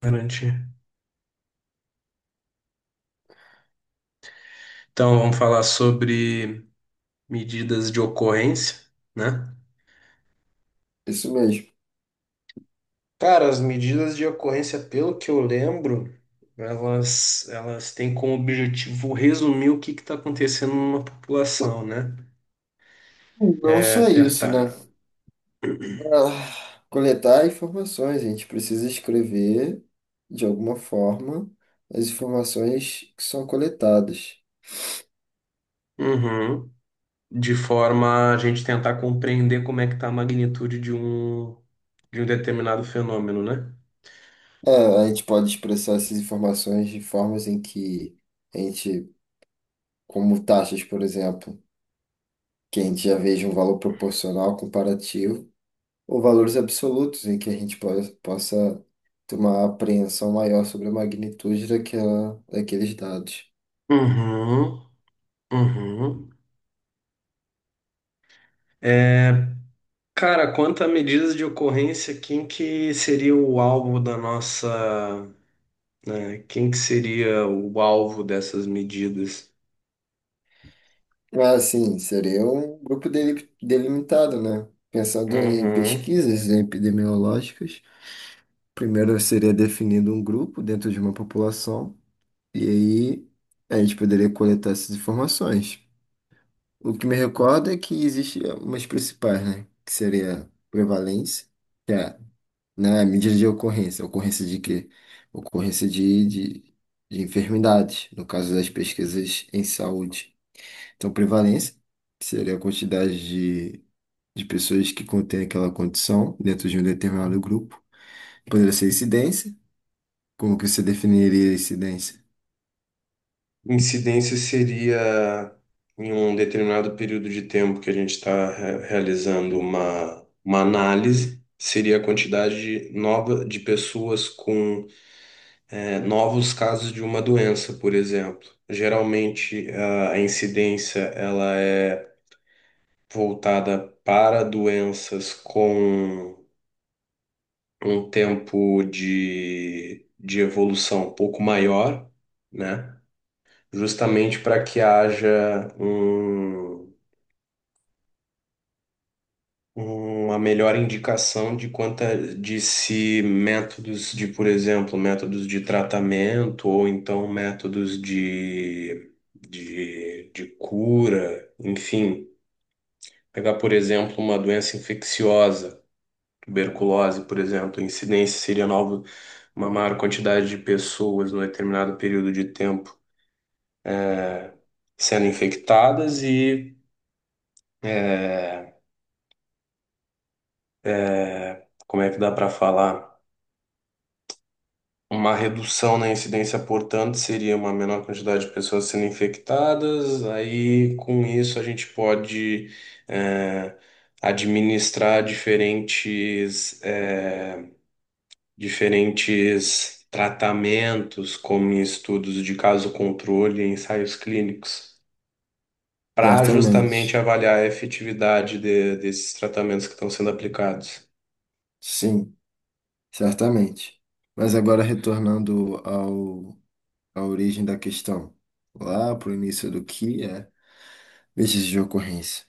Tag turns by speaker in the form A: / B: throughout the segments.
A: Garantir. Então, vamos falar sobre medidas de ocorrência, né?
B: Isso mesmo.
A: Cara, as medidas de ocorrência, pelo que eu lembro, elas têm como objetivo resumir o que está acontecendo numa população, né?
B: Não
A: É
B: só isso, né?
A: tentar.
B: Pra coletar informações, a gente precisa escrever, de alguma forma, as informações que são coletadas.
A: Uhum. De forma a gente tentar compreender como é que está a magnitude de um determinado fenômeno, né?
B: É, a gente pode expressar essas informações de formas em que a gente, como taxas, por exemplo, que a gente já veja um valor proporcional comparativo, ou valores absolutos, em que a gente possa ter uma apreensão maior sobre a magnitude daquela, daqueles dados.
A: Uhum. Uhum. Cara, quanto à medidas de ocorrência, quem que seria o alvo da nossa, né, quem que seria o alvo dessas medidas?
B: Ah, sim, seria um grupo delimitado, né? Pensando em
A: Uhum.
B: pesquisas epidemiológicas, primeiro seria definido um grupo dentro de uma população, e aí a gente poderia coletar essas informações. O que me recorda é que existe umas principais, né? Que seria prevalência, que é, né, a medida de ocorrência. Ocorrência de quê? Ocorrência de enfermidades, no caso das pesquisas em saúde. Então, prevalência, que seria a quantidade de pessoas que contém aquela condição dentro de um determinado grupo. Poderia ser incidência. Como que você definiria incidência?
A: Incidência seria em um determinado período de tempo que a gente está realizando uma análise, seria a quantidade de nova de pessoas com novos casos de uma doença, por exemplo. Geralmente, a incidência ela é voltada para doenças com um tempo de evolução um pouco maior, né? Justamente para que haja um, uma melhor indicação de quanta de se métodos de, por exemplo, métodos de tratamento ou então métodos de cura, enfim. Pegar, por exemplo, uma doença infecciosa tuberculose, por exemplo, a incidência seria nova, uma maior quantidade de pessoas num determinado período de tempo sendo infectadas e, como é que dá para falar? Uma redução na incidência, portanto, seria uma menor quantidade de pessoas sendo infectadas, aí com isso a gente pode é, administrar diferentes tratamentos, como em estudos de caso controle e ensaios clínicos, para
B: Certamente.
A: justamente avaliar a efetividade desses tratamentos que estão sendo aplicados.
B: Sim, certamente. Mas agora retornando à origem da questão, lá para o início do que é vestígio de ocorrência.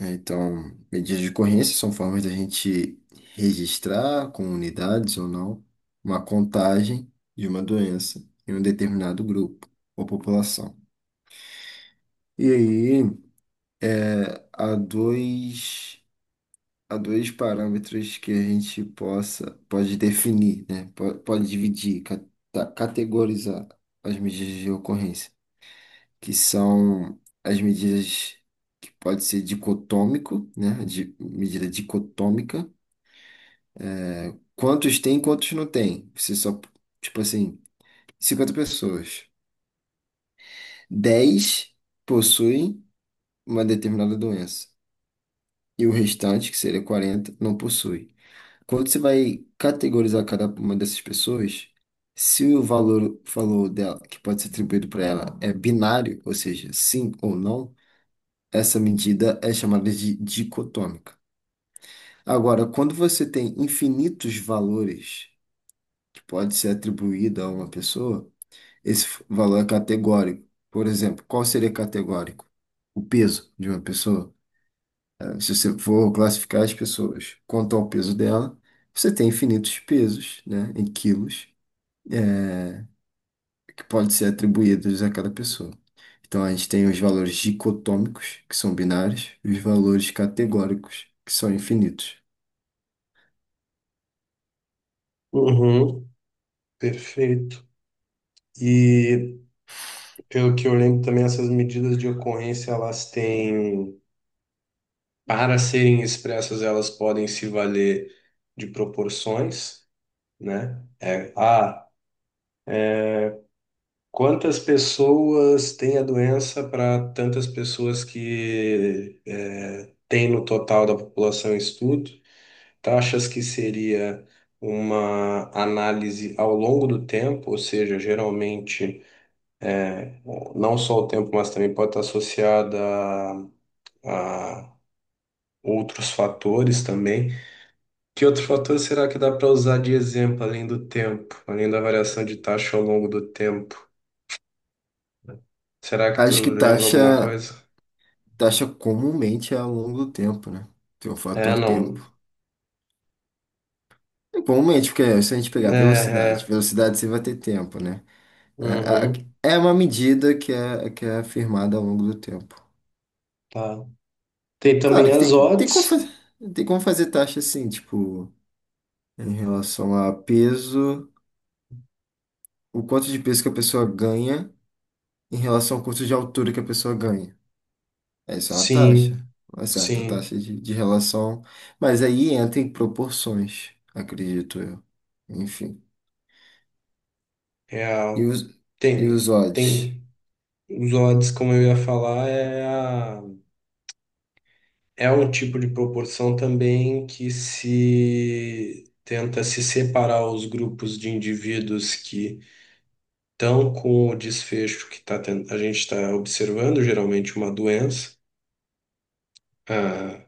B: É, então, medidas de ocorrência são formas da gente registrar com unidades ou não uma contagem de uma doença em um determinado grupo ou população. E aí, há dois, há dois parâmetros que a gente pode definir, né? Pode dividir, categorizar as medidas de ocorrência, que são as medidas que pode ser dicotômico, né? De, medida dicotômica. Quantos tem, e quantos não tem? Você só, tipo assim, 50 pessoas. 10 possuem uma determinada doença. E o restante, que seria 40, não possui. Quando você vai categorizar cada uma dessas pessoas, se o valor dela, que pode ser atribuído para ela, é binário, ou seja, sim ou não, essa medida é chamada de dicotômica. Agora, quando você tem infinitos valores que pode ser atribuído a uma pessoa, esse valor é categórico. Por exemplo, qual seria categórico? O peso de uma pessoa. Se você for classificar as pessoas quanto ao peso dela, você tem infinitos pesos, né, em quilos, eh, que podem ser atribuídos a cada pessoa. Então, a gente tem os valores dicotômicos, que são binários, e os valores categóricos, que são infinitos.
A: Uhum, perfeito. E pelo que eu lembro também, essas medidas de ocorrência, elas têm, para serem expressas, elas podem se valer de proporções, né? Quantas pessoas têm a doença para tantas pessoas que tem no total da população em estudo? Taxas que seria uma análise ao longo do tempo, ou seja, geralmente não só o tempo, mas também pode estar associada a, a outros fatores também. Que outro fator será que dá para usar de exemplo além do tempo, além da variação de taxa ao longo do tempo? Será que tu
B: Acho que
A: lembra alguma coisa?
B: taxa comumente é ao longo do tempo, né? Tem o
A: É,
B: fator tempo.
A: não.
B: Igualmente, porque se a gente
A: É,
B: pegar
A: é.
B: velocidade você vai ter tempo, né?
A: Uhum,
B: É, é uma medida que é afirmada ao longo do tempo.
A: tá. Tem também
B: Claro que
A: as
B: tem como
A: odds.
B: tem como fazer taxa assim, tipo, em relação a peso, o quanto de peso que a pessoa ganha em relação ao quanto de altura que a pessoa ganha. É, isso é uma
A: Sim,
B: taxa, uma certa
A: sim,
B: taxa de relação, mas aí entra em proporções, acredito eu. Enfim. E
A: real.
B: os, e os
A: Tem,
B: odds?
A: tem. Os odds, como eu ia falar, é um tipo de proporção também que se tenta se separar os grupos de indivíduos que estão com o desfecho a gente está observando, geralmente uma doença, ah,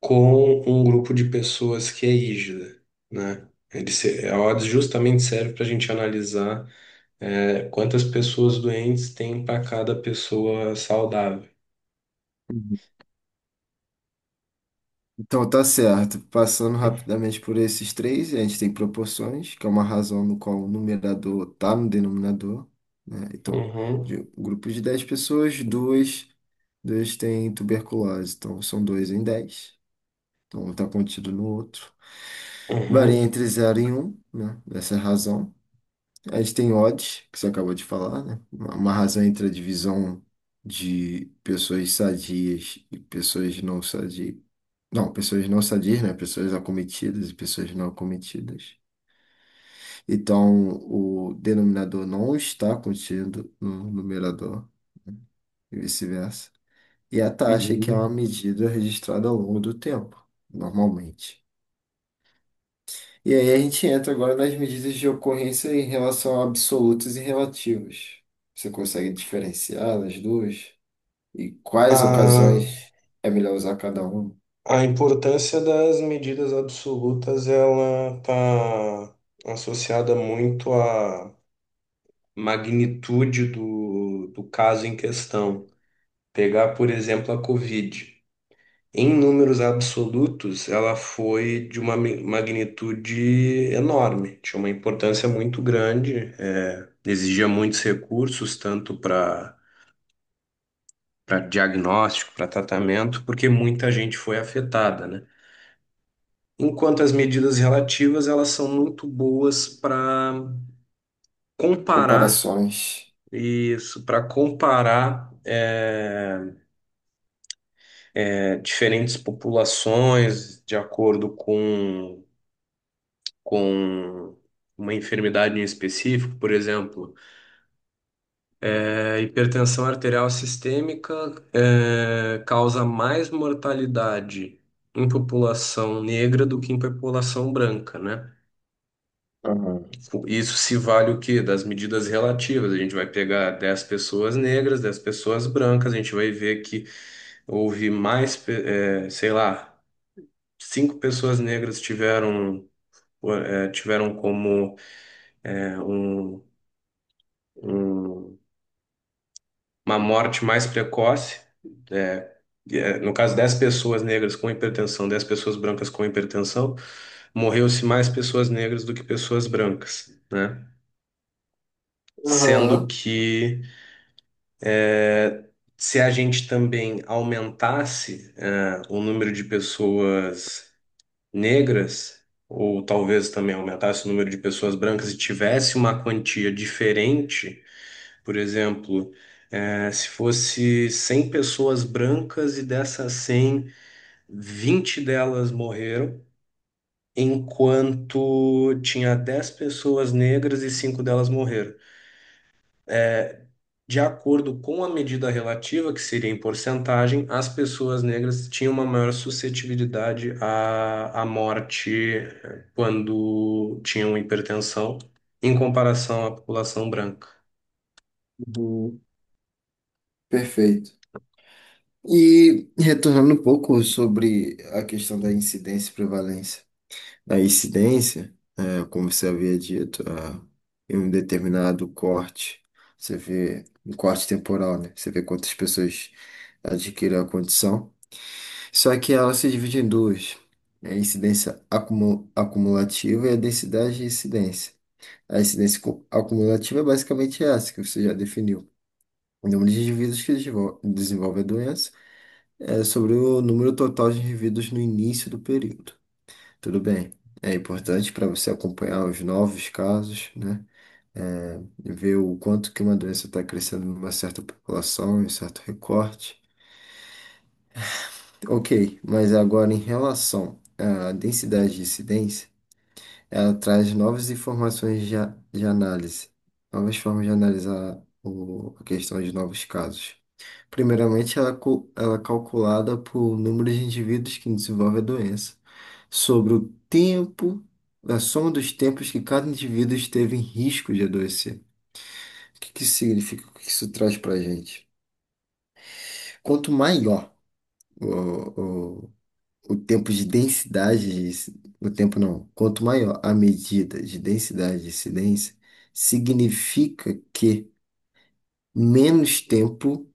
A: com um grupo de pessoas que é hígida, né? Ele se, a odds justamente serve para a gente analisar, quantas pessoas doentes tem para cada pessoa saudável.
B: Então tá certo. Passando rapidamente por esses três, a gente tem proporções, que é uma razão no qual o numerador está no denominador, né? Então, de
A: Uhum.
B: um grupo de 10 pessoas, duas têm tuberculose, então são dois em dez. Então um está contido no outro. Varia
A: Uhum,
B: entre zero e um, né? Essa é a razão. A gente tem odds, que você acabou de falar, né? Uma razão entre a divisão de pessoas sadias e pessoas não sadias. Não, pessoas não sadias, né? Pessoas acometidas e pessoas não acometidas. Então, o denominador não está contido no numerador e vice-versa. E a taxa, é que é uma
A: uhum.
B: medida registrada ao longo do tempo, normalmente. E aí a gente entra agora nas medidas de ocorrência em relação a absolutas e relativas. Você consegue diferenciar as duas? E quais
A: A,
B: ocasiões é melhor usar cada uma?
A: a importância das medidas absolutas ela está associada muito à magnitude do caso em questão. Pegar, por exemplo, a Covid. Em números absolutos, ela foi de uma magnitude enorme, tinha uma importância muito grande, exigia muitos recursos, tanto para diagnóstico, para tratamento, porque muita gente foi afetada, né? Enquanto as medidas relativas, elas são muito boas para comparar
B: Comparações.
A: isso, para comparar diferentes populações de acordo com uma enfermidade em específico, por exemplo. A hipertensão arterial sistêmica causa mais mortalidade em população negra do que em população branca, né?
B: Aham.
A: Isso se vale o quê? Das medidas relativas. A gente vai pegar 10 pessoas negras, 10 pessoas brancas, a gente vai ver que houve mais, sei lá, 5 pessoas negras tiveram como eh, um, um- uma morte mais precoce. eh, no caso, 10 pessoas negras com hipertensão, 10 pessoas brancas com hipertensão, morreu-se mais pessoas negras do que pessoas brancas, né? Sendo
B: Aham.
A: que se a gente também aumentasse, o número de pessoas negras, ou talvez também aumentasse o número de pessoas brancas e tivesse uma quantia diferente, por exemplo, se fosse 100 pessoas brancas e dessas 100, 20 delas morreram, enquanto tinha 10 pessoas negras e 5 delas morreram. De acordo com a medida relativa, que seria em porcentagem, as pessoas negras tinham uma maior suscetibilidade à morte quando tinham hipertensão, em comparação à população branca.
B: Uhum. Perfeito. E retornando um pouco sobre a questão da incidência e prevalência. Na incidência, é, como você havia dito, em um determinado corte, você vê um corte temporal, né? Você vê quantas pessoas adquirem a condição. Só que ela se divide em duas. É a incidência acumulativa e a densidade de incidência. A incidência acumulativa é basicamente essa que você já definiu. O número de indivíduos que desenvolve a doença é sobre o número total de indivíduos no início do período. Tudo bem. É importante para você acompanhar os novos casos, né? É, ver o quanto que uma doença está crescendo em uma certa população, em um certo recorte. Ok, mas agora em relação à densidade de incidência, ela traz novas informações de análise, novas formas de analisar a questão de novos casos. Primeiramente, ela é calculada por número de indivíduos que desenvolve a doença sobre o tempo, a soma dos tempos que cada indivíduo esteve em risco de adoecer. O que que significa? O que isso traz para a gente? Quanto maior o, o, o tempo de densidade, de, o tempo não, quanto maior a medida de densidade de incidência, significa que menos tempo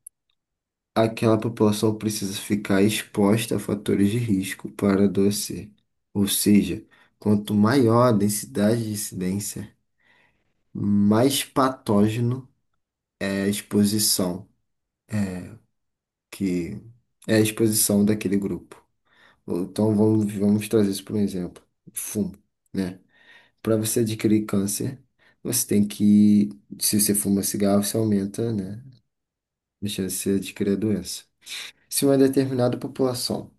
B: aquela população precisa ficar exposta a fatores de risco para adoecer. Ou seja, quanto maior a densidade de incidência, mais patógeno é a exposição, que é a exposição daquele grupo. Ou Então vamos, vamos trazer isso para um exemplo. Fumo, né? Para você adquirir câncer, você tem que, se você fuma cigarro, você aumenta, né, a chance de adquirir a doença. Se uma determinada população,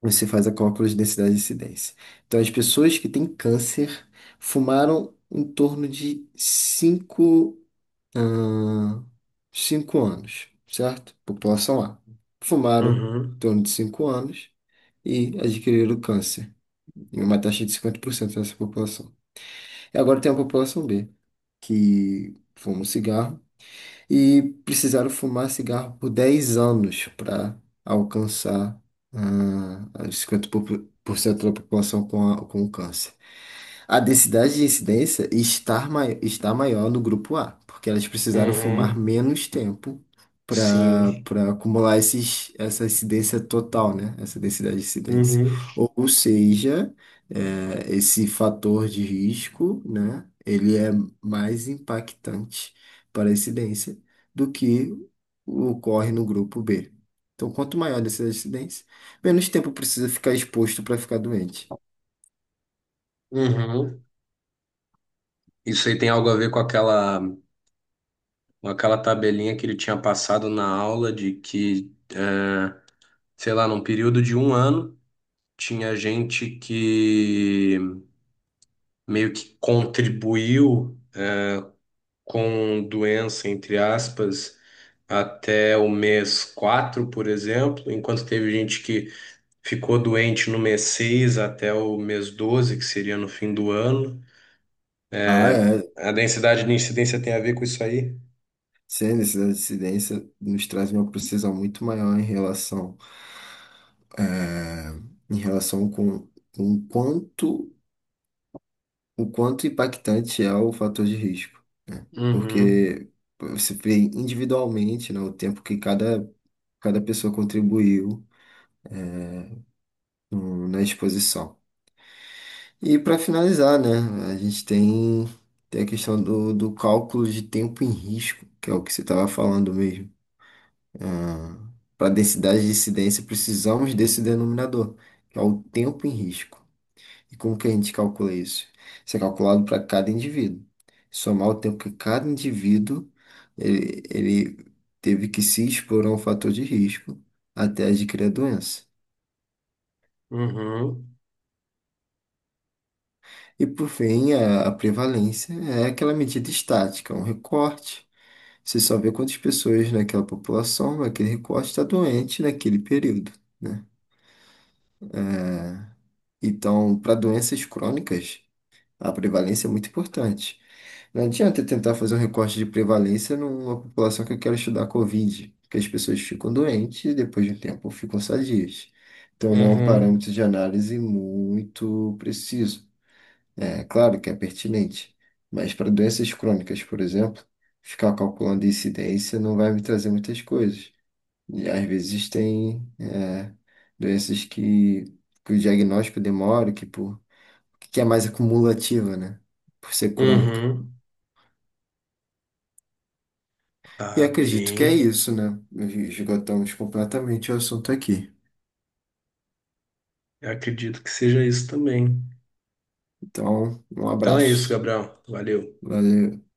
B: você faz a cálculo de densidade de incidência. Então as pessoas que têm câncer fumaram em torno de 5 ah, cinco anos, certo? População A. Fumaram em
A: Uhum,
B: torno de cinco anos e adquiriram câncer, em uma taxa de 50% dessa população. E agora tem a população B, que fuma um cigarro e precisaram fumar cigarro por 10 anos para alcançar os 50% da população com o câncer. A densidade de incidência está, está maior no grupo A, porque elas precisaram fumar
A: uhum,
B: menos tempo para
A: sim,
B: acumular essa incidência total, né? Essa densidade de incidência.
A: uhum,
B: Ou seja, é, esse fator de risco, né? Ele é mais impactante para a incidência do que ocorre no grupo B. Então, quanto maior a densidade de incidência, menos tempo precisa ficar exposto para ficar doente.
A: uhum. Isso aí tem algo a ver com aquela, tabelinha que ele tinha passado na aula de que sei lá, num período de um ano, tinha gente que meio que contribuiu com doença, entre aspas, até o mês quatro, por exemplo, enquanto teve gente que ficou doente no mês 6 até o mês 12, que seria no fim do ano.
B: Ah, é.
A: A densidade de incidência tem a ver com isso aí?
B: Sim, essa incidência nos traz uma precisão muito maior em relação, eh, em relação com o quanto impactante é o fator de risco, né?
A: Uhum,
B: Porque você vê individualmente, né, o tempo que cada pessoa contribuiu na exposição. E para finalizar, né, tem a questão do cálculo de tempo em risco, que é o que você estava falando mesmo. Para a densidade de incidência, precisamos desse denominador, que é o tempo em risco. E como que a gente calcula isso? Isso é calculado para cada indivíduo. Somar o tempo que cada indivíduo ele teve que se expor a um fator de risco até adquirir a doença.
A: uhum,
B: E por fim, a prevalência é aquela medida estática, um recorte. Você só vê quantas pessoas naquela população, naquele recorte, está doente naquele período, né? Então, para doenças crônicas, a prevalência é muito importante. Não adianta eu tentar fazer um recorte de prevalência numa população que eu quero estudar Covid, porque as pessoas ficam doentes e depois de um tempo ficam sadias. Então não é um
A: uhum,
B: parâmetro de análise muito preciso. É claro que é pertinente, mas para doenças crônicas, por exemplo, ficar calculando incidência não vai me trazer muitas coisas. E às vezes tem é, doenças que o diagnóstico demora, que por que é mais acumulativa, né? Por ser crônica.
A: uhum.
B: E
A: Tá
B: acredito que é
A: bem.
B: isso, né? Esgotamos completamente o assunto aqui.
A: Eu acredito que seja isso também.
B: Então, um
A: Então é isso,
B: abraço.
A: Gabriel. Valeu.
B: Valeu.